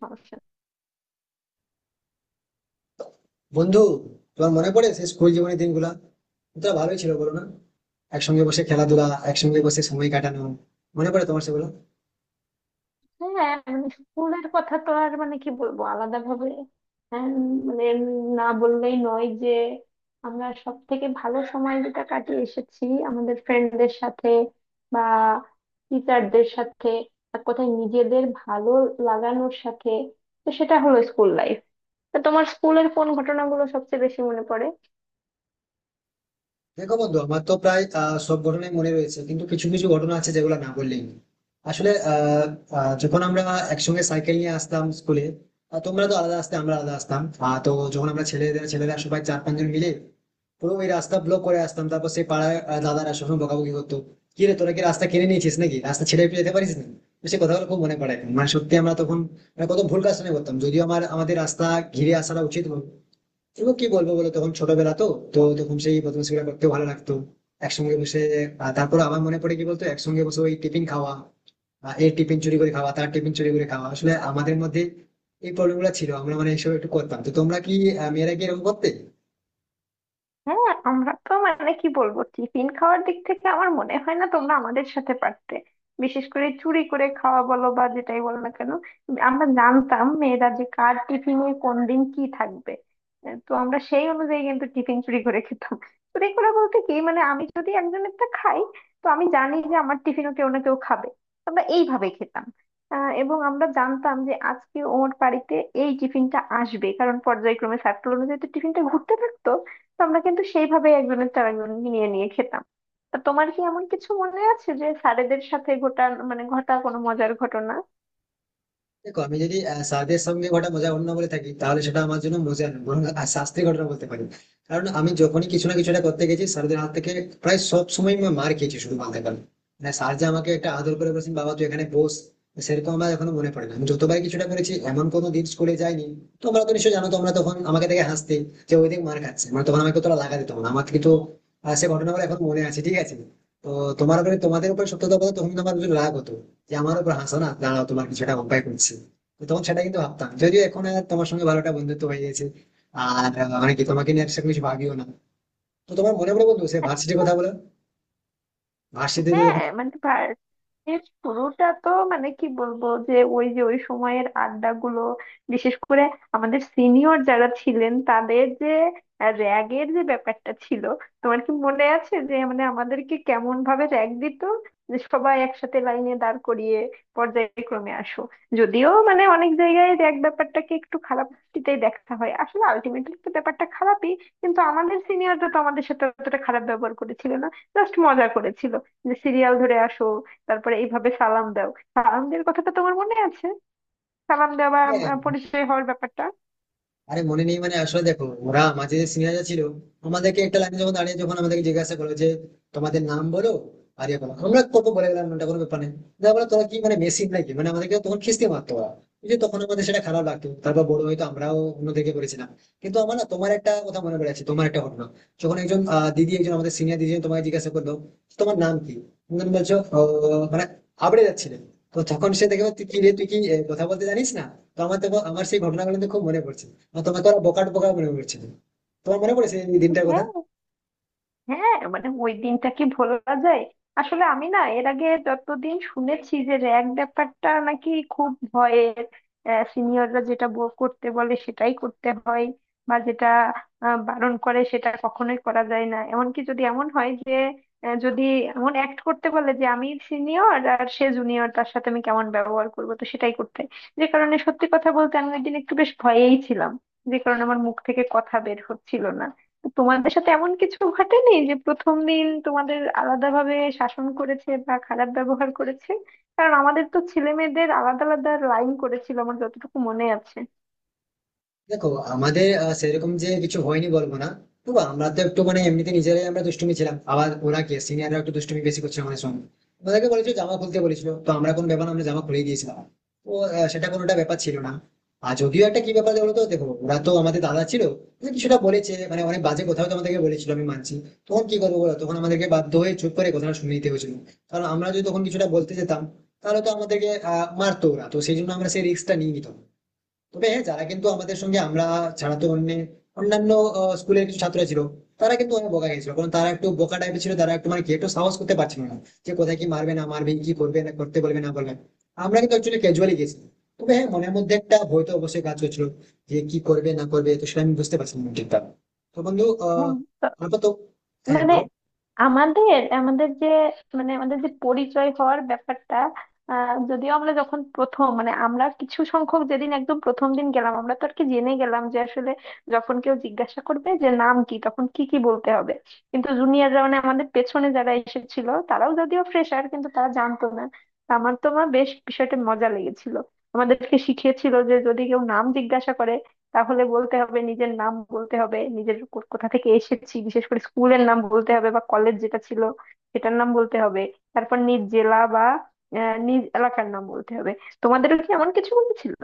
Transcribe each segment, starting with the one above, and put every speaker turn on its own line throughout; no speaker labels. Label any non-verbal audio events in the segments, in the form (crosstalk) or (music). সমস্যা নেই।
বন্ধু, তোমার মনে পড়ে সেই স্কুল জীবনের দিনগুলা? তো ভালোই ছিল বলো না, একসঙ্গে বসে খেলাধুলা, একসঙ্গে বসে সময় কাটানো। মনে পড়ে তোমার সেগুলো?
হ্যাঁ মানে স্কুলের কথা তো আর মানে কি বলবো আলাদা ভাবে, মানে না বললেই নয় যে আমরা সব থেকে ভালো সময় যেটা কাটিয়ে এসেছি আমাদের ফ্রেন্ডদের সাথে বা টিচারদের সাথে, এক কথায় নিজেদের ভালো লাগানোর সাথে। তো সেটা হলো স্কুল লাইফ। তো তোমার স্কুলের কোন ঘটনাগুলো সবচেয়ে বেশি মনে পড়ে?
দেখো বন্ধু, আমার তো প্রায় সব ঘটনাই মনে রয়েছে, কিন্তু কিছু কিছু ঘটনা আছে যেগুলো না বললেই নয়। আসলে যখন আমরা একসঙ্গে সাইকেল নিয়ে আসতাম স্কুলে। তোমরা তো আলাদা আসতে, আমরা আলাদা আসতাম। তো যখন আমরা ছেলেরা সবাই চার পাঁচজন মিলে পুরো ওই রাস্তা ব্লক করে আসতাম, তারপর সেই পাড়ায় দাদারা সবসময় বকাবকি করতো, কি রে তোরা কি রাস্তা কিনে নিয়েছিস নাকি? রাস্তা ছেড়ে ফেলে যেতে পারিস না? তো সে কথাগুলো খুব মনে পড়ে এখন। মানে সত্যি, আমরা তখন মানে কত ভুল কাজ করতাম, যদিও আমার আমাদের রাস্তা ঘিরে আসাটা উচিত হতো। এগুলো কি বলবো বলো, তখন ছোটবেলা তো, তো তখন সেই বদমাশি গুলো করতে ভালো লাগতো। একসঙ্গে বসে তারপর আমার মনে পড়ে, কি বলতো, একসঙ্গে বসে ওই টিফিন খাওয়া, এর টিফিন চুরি করে খাওয়া, তার টিফিন চুরি করে খাওয়া। আসলে আমাদের মধ্যে এই প্রবলেম গুলো ছিল, আমরা মানে এইসব একটু করতাম। তো তোমরা কি, মেয়েরা কি এরকম করতে?
হ্যাঁ আমরা তো মানে কি বলবো, টিফিন খাওয়ার দিক থেকে আমার মনে হয় না তোমরা আমাদের সাথে পারতে। বিশেষ করে চুরি করে খাওয়া বলো বা যেটাই বলো না কেন, আমরা জানতাম মেয়েরা যে কার টিফিনে কোন দিন কি থাকবে। তো আমরা সেই অনুযায়ী কিন্তু টিফিন চুরি করে খেতাম। চুরি করে বলতে কি, মানে আমি যদি একজনেরটা খাই তো আমি জানি যে আমার টিফিনও কেউ না কেউ খাবে। আমরা এইভাবে খেতাম। এবং আমরা জানতাম যে আজকে ওর বাড়িতে এই টিফিনটা আসবে, কারণ পর্যায়ক্রমে সার্কেল অনুযায়ী তো টিফিনটা ঘুরতে থাকতো। তো আমরা কিন্তু সেইভাবে একজনের চার একজনকে নিয়ে নিয়ে খেতাম। তা তোমার কি এমন কিছু মনে আছে যে স্যারেদের সাথে ঘটা, মানে ঘটা কোনো মজার ঘটনা?
দেখো আমি যদি স্বাদের সঙ্গে ঘটা মজা অন্য বলে থাকি, তাহলে সেটা আমার জন্য মজা নয়, বরং শাস্তির ঘটনা বলতে পারি। কারণ আমি যখনই কিছু না কিছু একটা করতে গেছি, স্যারদের হাত থেকে প্রায় সব সময় আমি মার খেয়েছি শুধু বলতে পারি। মানে স্যার যে আমাকে একটা আদর করে বলেছেন বাবা তুই এখানে বস, সেরকম আমার এখনো মনে পড়ে না। আমি যতবার কিছুটা করেছি, এমন কোনো দিন স্কুলে যাইনি। তোমরা তো নিশ্চয়ই জানো, তোমরা তখন আমাকে দেখে হাসতে যে ওই দিক মার খাচ্ছে, মানে তখন আমাকে তোরা লাগা দিত না আমার কিন্তু। সে ঘটনাগুলো এখন মনে আছে, ঠিক আছে। তো তোমার উপরে তোমাদের উপরে সত্যতা বলতে তখন কিন্তু আমার কিছু রাগ হতো, যে আমার উপর হাসো না, দাঁড়াও তোমার কিছুটা উপায় করছি। তো তখন সেটা কিন্তু ভাবতাম, যদিও এখন আর তোমার সঙ্গে ভালোটা বন্ধুত্ব হয়ে গেছে, আর মানে কি তোমাকে নিয়ে আর সেরকম কিছু ভাবিও না। তো তোমার মনে পড়ে বন্ধু সে ভার্সিটির কথা বলো, ভার্সিটিতে
হ্যাঁ
যখন।
মানে এর শুরুটা তো মানে কি বলবো, যে ওই যে ওই সময়ের আড্ডাগুলো, বিশেষ করে আমাদের সিনিয়র যারা ছিলেন তাদের যে র্যাগের যে ব্যাপারটা ছিল। তোমার কি মনে আছে যে মানে আমাদেরকে কেমন ভাবে র্যাগ দিত? যে সবাই একসাথে লাইনে দাঁড় করিয়ে পর্যায়ক্রমে আসো। যদিও মানে অনেক জায়গায় র্যাগ ব্যাপারটাকে একটু খারাপ দৃষ্টিতেই দেখা হয়, আসলে আলটিমেটলি তো ব্যাপারটা খারাপই, কিন্তু আমাদের সিনিয়ররা তো আমাদের সাথে অতটা খারাপ ব্যবহার করেছিল না, জাস্ট মজা করেছিল। যে সিরিয়াল ধরে আসো, তারপরে এইভাবে সালাম দাও। সালাম দেওয়ার কথাটা তোমার মনে আছে? সালাম দেওয়া বা
হ্যাঁ,
পরিচয় হওয়ার ব্যাপারটা?
আরে মনে নেই? মানে আসলে দেখো ওরা মাঝে যে সিনিয়ররা ছিল, আমাদেরকে একটা লাইনে যখন দাঁড়িয়ে যখন আমাদেরকে জিজ্ঞাসা করলো যে তোমাদের নাম বলো আর ইয়ে বলো, আমরা কত বলে গেলাম ওটা কোনো ব্যাপার নেই। যা বলো তোরা, কি মানে মেশিন নাকি, মানে আমাদেরকে তখন খিস্তি মারতো ওরা। এই যে, তখন আমাদের সেটা খারাপ লাগতো। তারপর বড় হয়তো আমরাও অন্যদিকে করেছিলাম। কিন্তু আমার না তোমার একটা কথা মনে পড়ে আছে, তোমার একটা ঘটনা, যখন একজন দিদি, একজন আমাদের সিনিয়র দিদি তোমাকে জিজ্ঞাসা করলো তোমার নাম কি, তুমি তখন বলছো মানে", আবড়ে যাচ্ছিলে। তো তখন সে দেখে বলে, তুই কি রে, তুই কি কথা বলতে জানিস না? তো আমার তখন, আমার সেই ঘটনাগুলো কিন্তু খুব মনে পড়ছে। তোমাকে ওরা বোকা টোকা মনে করছিল। তোমার মনে পড়েছে এই দিনটার কথা?
হ্যাঁ। হ্যাঁ মানে ওই দিনটা কি ভোলা যায়? আসলে আমি না এর আগে যতদিন শুনেছি যে র্যাগ ব্যাপারটা নাকি খুব ভয়ের, সিনিয়ররা যেটা করতে বলে সেটাই করতে হয়, বা যেটা বারণ করে সেটা কখনোই করা যায় না। এমনকি যদি এমন হয় যে যদি এমন অ্যাক্ট করতে বলে যে আমি সিনিয়র আর সে জুনিয়র, তার সাথে আমি কেমন ব্যবহার করবো, তো সেটাই করতে হয়। যে কারণে সত্যি কথা বলতে আমি ওই দিন একটু বেশ ভয়েই ছিলাম, যে কারণে আমার মুখ থেকে কথা বের হচ্ছিল না। তোমাদের সাথে এমন কিছু ঘটেনি যে প্রথম দিন তোমাদের আলাদাভাবে শাসন করেছে বা খারাপ ব্যবহার করেছে? কারণ আমাদের তো ছেলে মেয়েদের আলাদা আলাদা লাইন করেছিল আমার যতটুকু মনে আছে।
দেখো আমাদের সেরকম যে কিছু হয়নি বলবো না। তবু আমরা তো একটু মানে এমনিতে নিজেরাই আমরা দুষ্টুমি ছিলাম, আবার ওরা কে সিনিয়ররা একটু দুষ্টুমি বেশি করছে আমাদের সঙ্গে। ওদেরকে বলেছিল জামা খুলতে বলেছিল, তো আমরা কোন ব্যাপার না, আমরা জামা খুলে দিয়েছিলাম। তো সেটা কোনোটা ব্যাপার ছিল না। আর যদিও একটা কি ব্যাপার বলতো, দেখো ওরা তো আমাদের দাদা ছিল, তো কিছুটা বলেছে, মানে অনেক বাজে কথাও তো আমাদেরকে বলেছিল, আমি মানছি। তখন কি করবো বলো, তখন আমাদেরকে বাধ্য হয়ে চুপ করে কথাটা শুনে নিতে হয়েছিল। কারণ আমরা যদি তখন কিছুটা বলতে যেতাম, তাহলে তো আমাদেরকে মারতো ওরা, তো সেই জন্য আমরা সেই রিস্কটা নিয়ে নিতাম। তবে হ্যাঁ, যারা কিন্তু আমাদের সঙ্গে, আমরা ছাড়া তো অন্য, অন্যান্য স্কুলের কিছু ছাত্র ছিল, তারা কিন্তু অনেক বোকা গেছিল, কারণ তারা একটু বোকা টাইপের ছিল, তারা একটু মানে কি একটু সাহস করতে পারছিল না যে কোথায় কি মারবে না মারবে, কি করবে না করতে বলবে না বলবে। আমরা কিন্তু অ্যাকচুয়ালি ক্যাজুয়ালি গেছি। তবে হ্যাঁ, মনের মধ্যে একটা ভয় তো অবশ্যই কাজ করছিল যে কি করবে না করবে, তো সেটা আমি বুঝতে পারছিলাম না ঠিকঠাক। তো বন্ধু
হুম,
তারপর তো, হ্যাঁ
মানে
বলো।
আমাদের আমাদের যে, মানে আমাদের যে পরিচয় হওয়ার ব্যাপারটা, যদিও আমরা যখন প্রথম, মানে আমরা কিছু সংখ্যক যেদিন একদম প্রথম দিন গেলাম আমরা তো আর কি জেনে গেলাম যে আসলে যখন কেউ জিজ্ঞাসা করবে যে নাম কি তখন কি কি বলতে হবে। কিন্তু জুনিয়ররা মানে আমাদের পেছনে যারা এসেছিল তারাও যদিও ফ্রেশার কিন্তু তারা জানতো না। আমার তো মা বেশ বিষয়টা মজা লেগেছিল। আমাদেরকে শিখিয়েছিল যে যদি কেউ নাম জিজ্ঞাসা করে তাহলে বলতে হবে, নিজের নাম বলতে হবে, নিজের কোথা থেকে এসেছি বিশেষ করে স্কুলের নাম বলতে হবে বা কলেজ যেটা ছিল সেটার নাম বলতে হবে, তারপর নিজ জেলা বা নিজ এলাকার নাম বলতে হবে। তোমাদেরও কি এমন কিছু বলেছিল?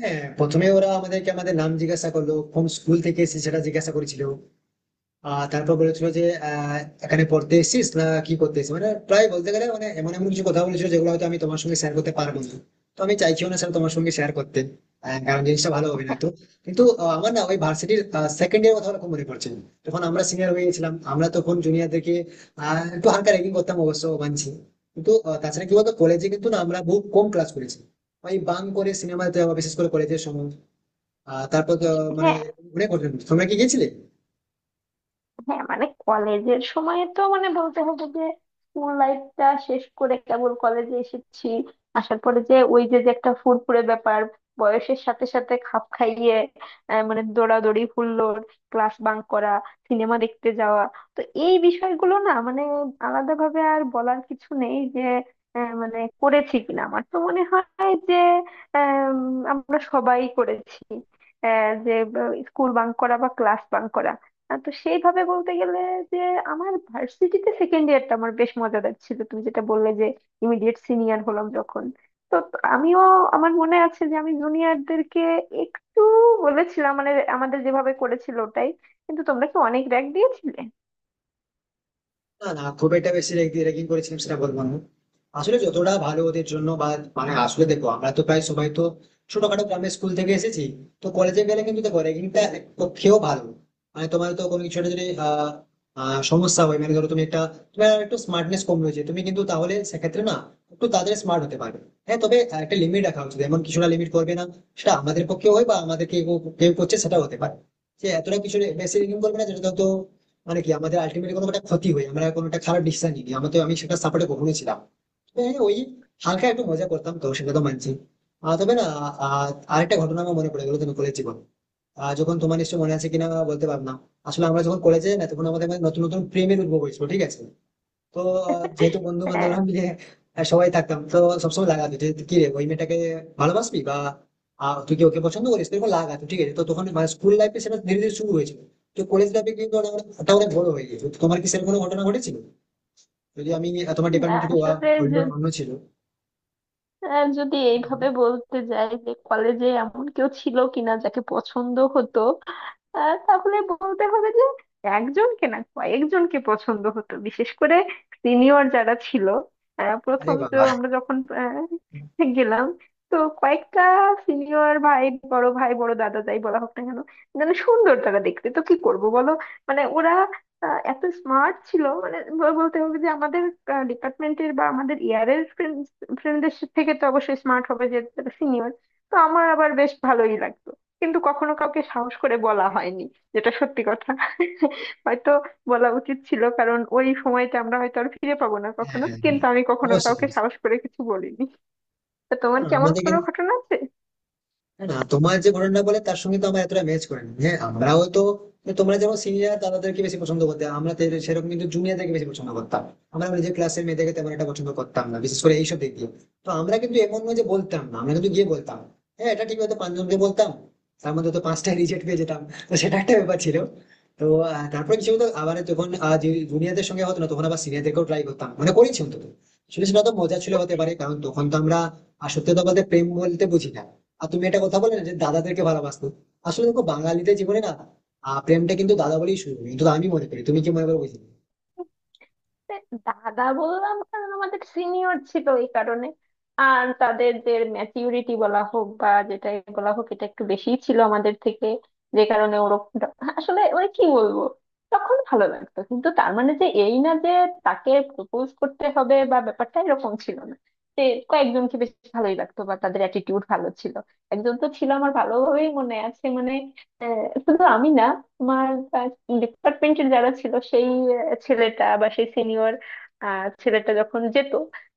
হ্যাঁ, প্রথমে ওরা আমাদেরকে আমাদের নাম জিজ্ঞাসা করলো, কোন স্কুল থেকে এসেছি সেটা জিজ্ঞাসা করেছিল। তারপর বলেছিল যে আহ এখানে পড়তে এসেছিস না কি করতে এসেছিস, মানে প্রায় বলতে গেলে মানে এমন এমন কিছু কথা বলেছিল যেগুলো হয়তো আমি তোমার সঙ্গে শেয়ার করতে পারবো না। তো আমি চাইছিও না স্যার তোমার সঙ্গে শেয়ার করতে, কারণ জিনিসটা ভালো হবে না তো। কিন্তু আমার না ওই ভার্সিটির সেকেন্ড ইয়ার কথা খুব মনে পড়ছে, যখন আমরা সিনিয়র হয়ে গেছিলাম, আমরা তখন জুনিয়রদেরকে একটু হালকা র্যাগিং করতাম, অবশ্য মানছি। কিন্তু তাছাড়া কি বলতো, কলেজে কিন্তু না আমরা বহু কম ক্লাস করেছি, ওই বাং করে সিনেমাতে, বিশেষ করে কলেজের সময়। আহ, তারপর তো, মানে
হ্যাঁ।
অনেক ঘটনা ঘটেছে। তোমরা কি গেছিলে?
হ্যাঁ মানে কলেজের সময় তো মানে বলতে হবে যে স্কুল লাইফটা শেষ করে কেবল কলেজে এসেছি, আসার পরে যে ওই যে যে একটা ফুরফুরে ব্যাপার, বয়সের সাথে সাথে খাপ খাইয়ে মানে দৌড়াদৌড়ি হুল্লোড়, ক্লাস বাঙ্ক করা, সিনেমা দেখতে যাওয়া। তো এই বিষয়গুলো না মানে আলাদাভাবে আর বলার কিছু নেই যে মানে করেছি কিনা। আমার তো মনে হয় যে আম, আমরা সবাই করেছি যে স্কুল বাঙ্ক করা বা ক্লাস বাঙ্ক করা। তো সেইভাবে বলতে গেলে যে আমার ভার্সিটিতে সেকেন্ড ইয়ারটা আমার বেশ মজাদার ছিল, তুমি যেটা বললে যে ইমিডিয়েট সিনিয়র হলাম যখন, তো তো আমিও আমার মনে আছে যে আমি জুনিয়রদেরকে একটু বলেছিলাম, মানে আমাদের যেভাবে করেছিল ওটাই। কিন্তু তোমরা কি অনেক র্যাক দিয়েছিলে?
না না, খুব একটা বেশি র্যাগিং করেছিলাম সেটা বলবো না। আসলে যতটা ভালো ওদের জন্য বা মানে আসলে দেখো, আমরা তো প্রায় সবাই তো ছোটখাটো গ্রামের স্কুল থেকে এসেছি। তো কলেজে গেলে কিন্তু দেখো র্যাগিংটা এক পক্ষেও ভালো। মানে তোমার তো কোনো কিছু একটা যদি সমস্যা হয়, মানে ধরো তুমি একটা, তোমার একটু স্মার্টনেস কম রয়েছে, তুমি কিন্তু তাহলে সেক্ষেত্রে না একটু তাড়াতাড়ি স্মার্ট হতে পারবে। হ্যাঁ তবে একটা লিমিট রাখা উচিত, এমন কিছুটা লিমিট করবে না, সেটা আমাদের পক্ষেও হয় বা আমাদেরকে কেউ কেউ করছে সেটাও হতে পারে, যে এতটা কিছু বেশি র্যাগিং করবে না যেটা তো মানে কি আমাদের আলটিমেটলি কোনো একটা ক্ষতি হয়, আমরা কোনো একটা খারাপ ডিসিশন নিই। আমি তো, আমি সেটা সাপোর্টে কখনোই ছিলাম না। তো হ্যাঁ, ওই হালকা একটু মজা করতাম, তো সেটা তো মানছি। আহ, তবে না আহ, আরেকটা ঘটনা আমার মনে পড়ে গেলো, তুমি কলেজ জীবন, যখন, তোমার নিশ্চয়ই মনে আছে কিনা বলতে পারবো না। আসলে আমরা যখন কলেজে না, তখন আমাদের মধ্যে নতুন নতুন প্রেমের উদ্ভব হয়েছিল, ঠিক আছে। তো যেহেতু বন্ধু
(laughs) হ্যাঁ।
বান্ধবরা মিলে সবাই থাকতাম, তো সবসময় লাগাতো যে কি রে ওই মেয়েটাকে ভালোবাসবি, বা তুই কি ওকে পছন্দ করিস, এরকম লাগাতো, ঠিক আছে। তো তখন মানে স্কুল লাইফে সেটা ধীরে ধীরে শুরু হয়েছিল। তো কলেজ লাইফে কিন্তু ওটা অনেক, ওটা অনেক বড় হয়ে গিয়েছিল। তো তোমার কি সেরকম কোনো ঘটনা ঘটেছিল, যদি আমি তোমার
না,
ডিপার্টমেন্ট থেকে
আসলে
অন্য অন্য ছিল?
আর যদি এইভাবে বলতে যাই যে কলেজে এমন কেউ ছিল কিনা যাকে পছন্দ হতো, তাহলে বলতে হবে যে একজনকে না কয়েকজনকে পছন্দ হতো, বিশেষ করে সিনিয়র যারা ছিল।
আরে
প্রথম তো
বাবা,
আমরা যখন আহ, গেলাম, তো কয়েকটা সিনিয়র ভাই, বড় ভাই বড় দাদা যাই বলা হোক না কেন, মানে সুন্দর তারা দেখতে, তো কি করব বলো। মানে ওরা এত স্মার্ট ছিল, মানে বলতে হবে যে আমাদের ডিপার্টমেন্টের বা আমাদের ইয়ারের ফ্রেন্ডদের থেকে তো অবশ্যই স্মার্ট হবে যেহেতু তারা সিনিয়র। তো আমার আবার বেশ ভালোই লাগতো, কিন্তু কখনো কাউকে সাহস করে বলা হয়নি, যেটা সত্যি কথা। হয়তো বলা উচিত ছিল, কারণ ওই সময়টা আমরা হয়তো আর ফিরে পাবো না
হ্যাঁ
কখনো, কিন্তু আমি কখনো
অবশ্যই
কাউকে
অবশ্যই।
সাহস করে কিছু বলিনি। তা তোমার
হ্যাঁ,
কেমন
আমাদের
কোনো
কিন্তু
ঘটনা আছে?
না, তোমার যে ঘটনা বলে তার সঙ্গে তো আমার এতটা ম্যাচ করে না। হ্যাঁ আমরাও তো, তোমরা যেমন সিনিয়র তাদেরকে বেশি পছন্দ করতে, আমরা সেরকম কিন্তু জুনিয়রদেরকে বেশি পছন্দ করতাম। আমরা নিজের ক্লাসের মেয়েদেরকে তেমন একটা পছন্দ করতাম না, বিশেষ করে এইসব দিক দিয়ে। তো আমরা কিন্তু এমন নয় যে বলতাম না, আমরা কিন্তু গিয়ে বলতাম। হ্যাঁ এটা ঠিক, হয়তো পাঁচজনকে বলতাম, তার মধ্যে তো পাঁচটা রিজেক্ট পেয়ে যেতাম। তো সেটা একটা ব্যাপার ছিল। তো তারপরে কিছু হতো, আবার যখন জুনিয়রদের সঙ্গে হতো না, তখন আবার সিনিয়রদেরকেও ট্রাই করতাম, মানে করেছি অন্তত। আসলে সেটা তো মজা ছিল হতে পারে, কারণ তখন তো আমরা আর সত্যি কথা বলতে প্রেম বলতে বুঝি না। আর তুমি একটা কথা বলে না যে দাদাদেরকে ভালোবাসতো, আসলে দেখো বাঙালিদের জীবনে না প্রেমটা কিন্তু দাদা বলেই শুরু, কিন্তু আমি মনে করি, তুমি কি মনে করো বুঝি?
দেখ, দাদা বললাম কারণ আমাদের সিনিয়র ছিল এই কারণে, আর তাদের যে ম্যাচিউরিটি বলা হোক বা যেটাই বলা হোক এটা একটু বেশি ছিল আমাদের থেকে, যে কারণে ওরকম, আসলে ওই কি বলবো, তখন ভালো লাগতো। কিন্তু তার মানে যে এই না যে তাকে প্রপোজ করতে হবে বা ব্যাপারটা এরকম ছিল না, যে কয়েকজনকে বেশ ভালোই লাগতো বা তাদের অ্যাটিটিউড ভালো ছিল। একজন তো ছিল আমার ভালোভাবেই মনে আছে মানে, শুধু আমি না, আমার ডিপার্টমেন্টের যারা ছিল, সেই ছেলেটা বা সেই সিনিয়র ছেলেটা যখন যেত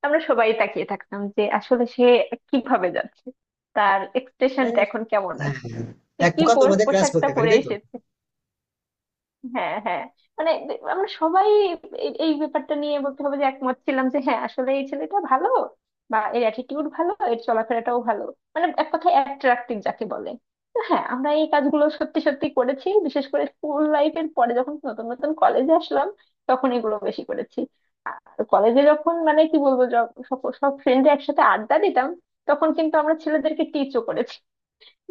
আমরা সবাই তাকিয়ে থাকতাম, যে আসলে সে কিভাবে যাচ্ছে, তার
হ্যাঁ,
এক্সপ্রেশনটা এখন কেমন আছে,
হ্যাঁ।
সে
এক
কি
প্রকার তোমাদের ক্রাশ
পোশাকটা
বলতে পারি,
পরে
তাই তো?
এসেছে। হ্যাঁ হ্যাঁ, মানে আমরা সবাই এই এই ব্যাপারটা নিয়ে বলতে হবে যে একমত ছিলাম যে হ্যাঁ আসলে এই ছেলেটা ভালো বা এর অ্যাটিটিউড ভালো, এর চলাফেরাটাও ভালো, মানে এক কথায় অ্যাট্রাক্টিভ যাকে বলে। তো হ্যাঁ আমরা এই কাজগুলো সত্যি সত্যি করেছি, বিশেষ করে স্কুল লাইফের পরে যখন নতুন নতুন কলেজে আসলাম তখন এগুলো বেশি করেছি। আর কলেজে যখন মানে কি বলবো, সব সব ফ্রেন্ডরা একসাথে আড্ডা দিতাম তখন কিন্তু আমরা ছেলেদেরকে টিচও করেছি।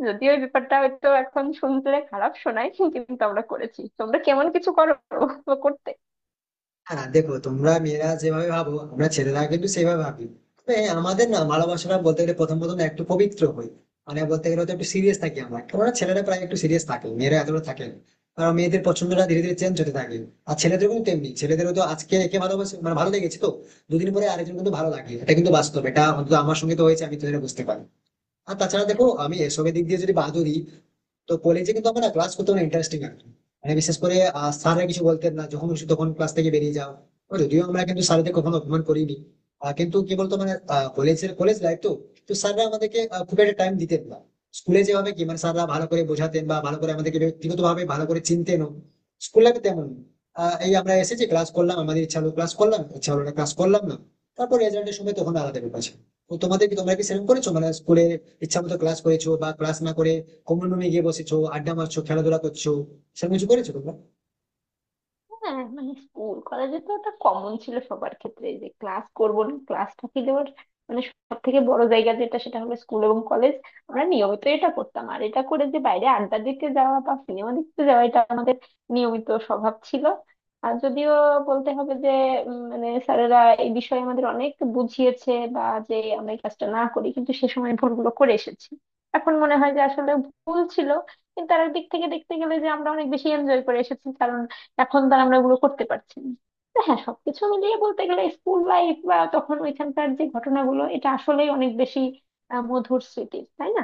যদিও এই ব্যাপারটা হয়তো এখন শুনলে খারাপ শোনায়, কিন্তু আমরা করেছি। তোমরা কেমন কিছু করো বা করতে?
হ্যাঁ দেখো, তোমরা মেয়েরা যেভাবে ভাবো আমরা ছেলেরা কিন্তু সেভাবে ভাবি। তবে হ্যাঁ, আমাদের না ভালোবাসাটা বলতে গেলে প্রথম প্রথম না একটু পবিত্র হই, মানে বলতে গেলে তো একটু সিরিয়াস থাকি আমরা, কেননা ছেলেরা প্রায় একটু সিরিয়াস থাকে, মেয়েরা এতটা থাকে না। কারণ মেয়েদের পছন্দটা ধীরে ধীরে চেঞ্জ হতে থাকে, আর ছেলেদের কিন্তু তেমনি, ছেলেদেরও তো আজকে একে ভালোবাসে, মানে ভালো লেগেছে তো দুদিন পরে আরেকজন কিন্তু ভালো লাগে, এটা কিন্তু বাস্তব, এটা অন্তত আমার সঙ্গে তো হয়েছে, আমি তো এটা বুঝতে পারি। আর তাছাড়া দেখো, আমি এসবের দিক দিয়ে যদি বাদ দিই, তো কলেজে কিন্তু আমরা ক্লাস করতে অনেক ইন্টারেস্টিং লাগতো। মানে বিশেষ করে স্যাররা কিছু বলতেন না, যখন খুশি তখন ক্লাস থেকে বেরিয়ে যাও। তো যদিও আমরা কিন্তু স্যারদের কখনো অপমান করিনি। কিন্তু কি বলতো, মানে কলেজের কলেজ লাইফ তো, তো স্যাররা আমাদেরকে খুব একটা টাইম দিতেন না। স্কুলে যেভাবে কি মানে স্যাররা ভালো করে বোঝাতেন বা ভালো করে আমাদেরকে ব্যক্তিগত ভাবে ভালো করে চিনতেন, স্কুল লাইফে তেমন না। এই আমরা এসেছি ক্লাস করলাম, আমাদের ইচ্ছা হলো ক্লাস করলাম, ইচ্ছা হলো না ক্লাস করলাম না। তারপর রেজাল্টের সময় তখন আলাদা ব্যাপার আছে। তো তোমাদের কি, তোমরা কি সেরকম করেছো মানে স্কুলে ইচ্ছা মতো ক্লাস করেছো, বা ক্লাস না করে কমন রুমে গিয়ে বসেছো, আড্ডা মারছো, খেলাধুলা করছো, সেরকম কিছু করেছো তোমরা?
হ্যাঁ মানে স্কুল কলেজে তো ওটা কমন ছিল সবার ক্ষেত্রে যে ক্লাস করব না, ক্লাসটা কি দেওয়ার, মানে সব থেকে বড় জায়গা যেটা সেটা হলো স্কুল এবং কলেজ। আমরা নিয়মিত এটা করতাম, আর এটা করে যে বাইরে আড্ডা দিতে যাওয়া বা সিনেমা দেখতে যাওয়া, এটা আমাদের নিয়মিত স্বভাব ছিল। আর যদিও বলতে হবে যে মানে স্যারেরা এই বিষয়ে আমাদের অনেক বুঝিয়েছে বা যে আমরা এই কাজটা না করি, কিন্তু সে সময় ভুলগুলো করে এসেছি। এখন মনে হয় যে আসলে ভুল ছিল, কিন্তু আর দিক থেকে দেখতে গেলে যে আমরা অনেক বেশি এনজয় করে এসেছি। এখন তো আর আমরা ওগুলো করতে পারছি না। তো হ্যাঁ সবকিছু মিলিয়ে বলতে গেলে স্কুল লাইফ বা তখন ওইখানকার যে ঘটনাগুলো, এটা আসলেই অনেক বেশি মধুর স্মৃতি, তাই না?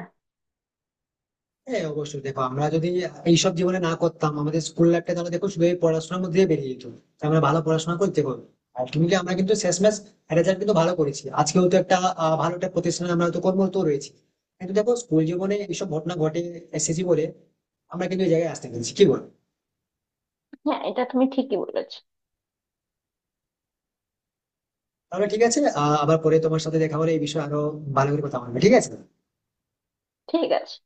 হ্যাঁ অবশ্যই, দেখো আমরা যদি এইসব জীবনে না করতাম, আমাদের স্কুল লাইফটা তাহলে দেখো শুধু এই পড়াশোনার মধ্যে বেরিয়ে যেত। তাই আমরা ভালো পড়াশোনা করতে হবে, আর তুমি কি আমরা কিন্তু শেষমেশ রেজাল্ট কিন্তু ভালো করেছি, আজকেও তো একটা ভালো একটা প্রতিষ্ঠানে আমরা তো কর্মরত রয়েছি। কিন্তু দেখো স্কুল জীবনে এইসব ঘটনা ঘটে এসেছি বলে আমরা কিন্তু এই জায়গায় আসতে পেরেছি, কি বল?
হ্যাঁ এটা তুমি ঠিকই বলেছো।
তাহলে ঠিক আছে, আবার পরে তোমার সাথে দেখা হলে এই বিষয়ে আরো ভালো করে কথা বলবে, ঠিক আছে।
ঠিক আছে।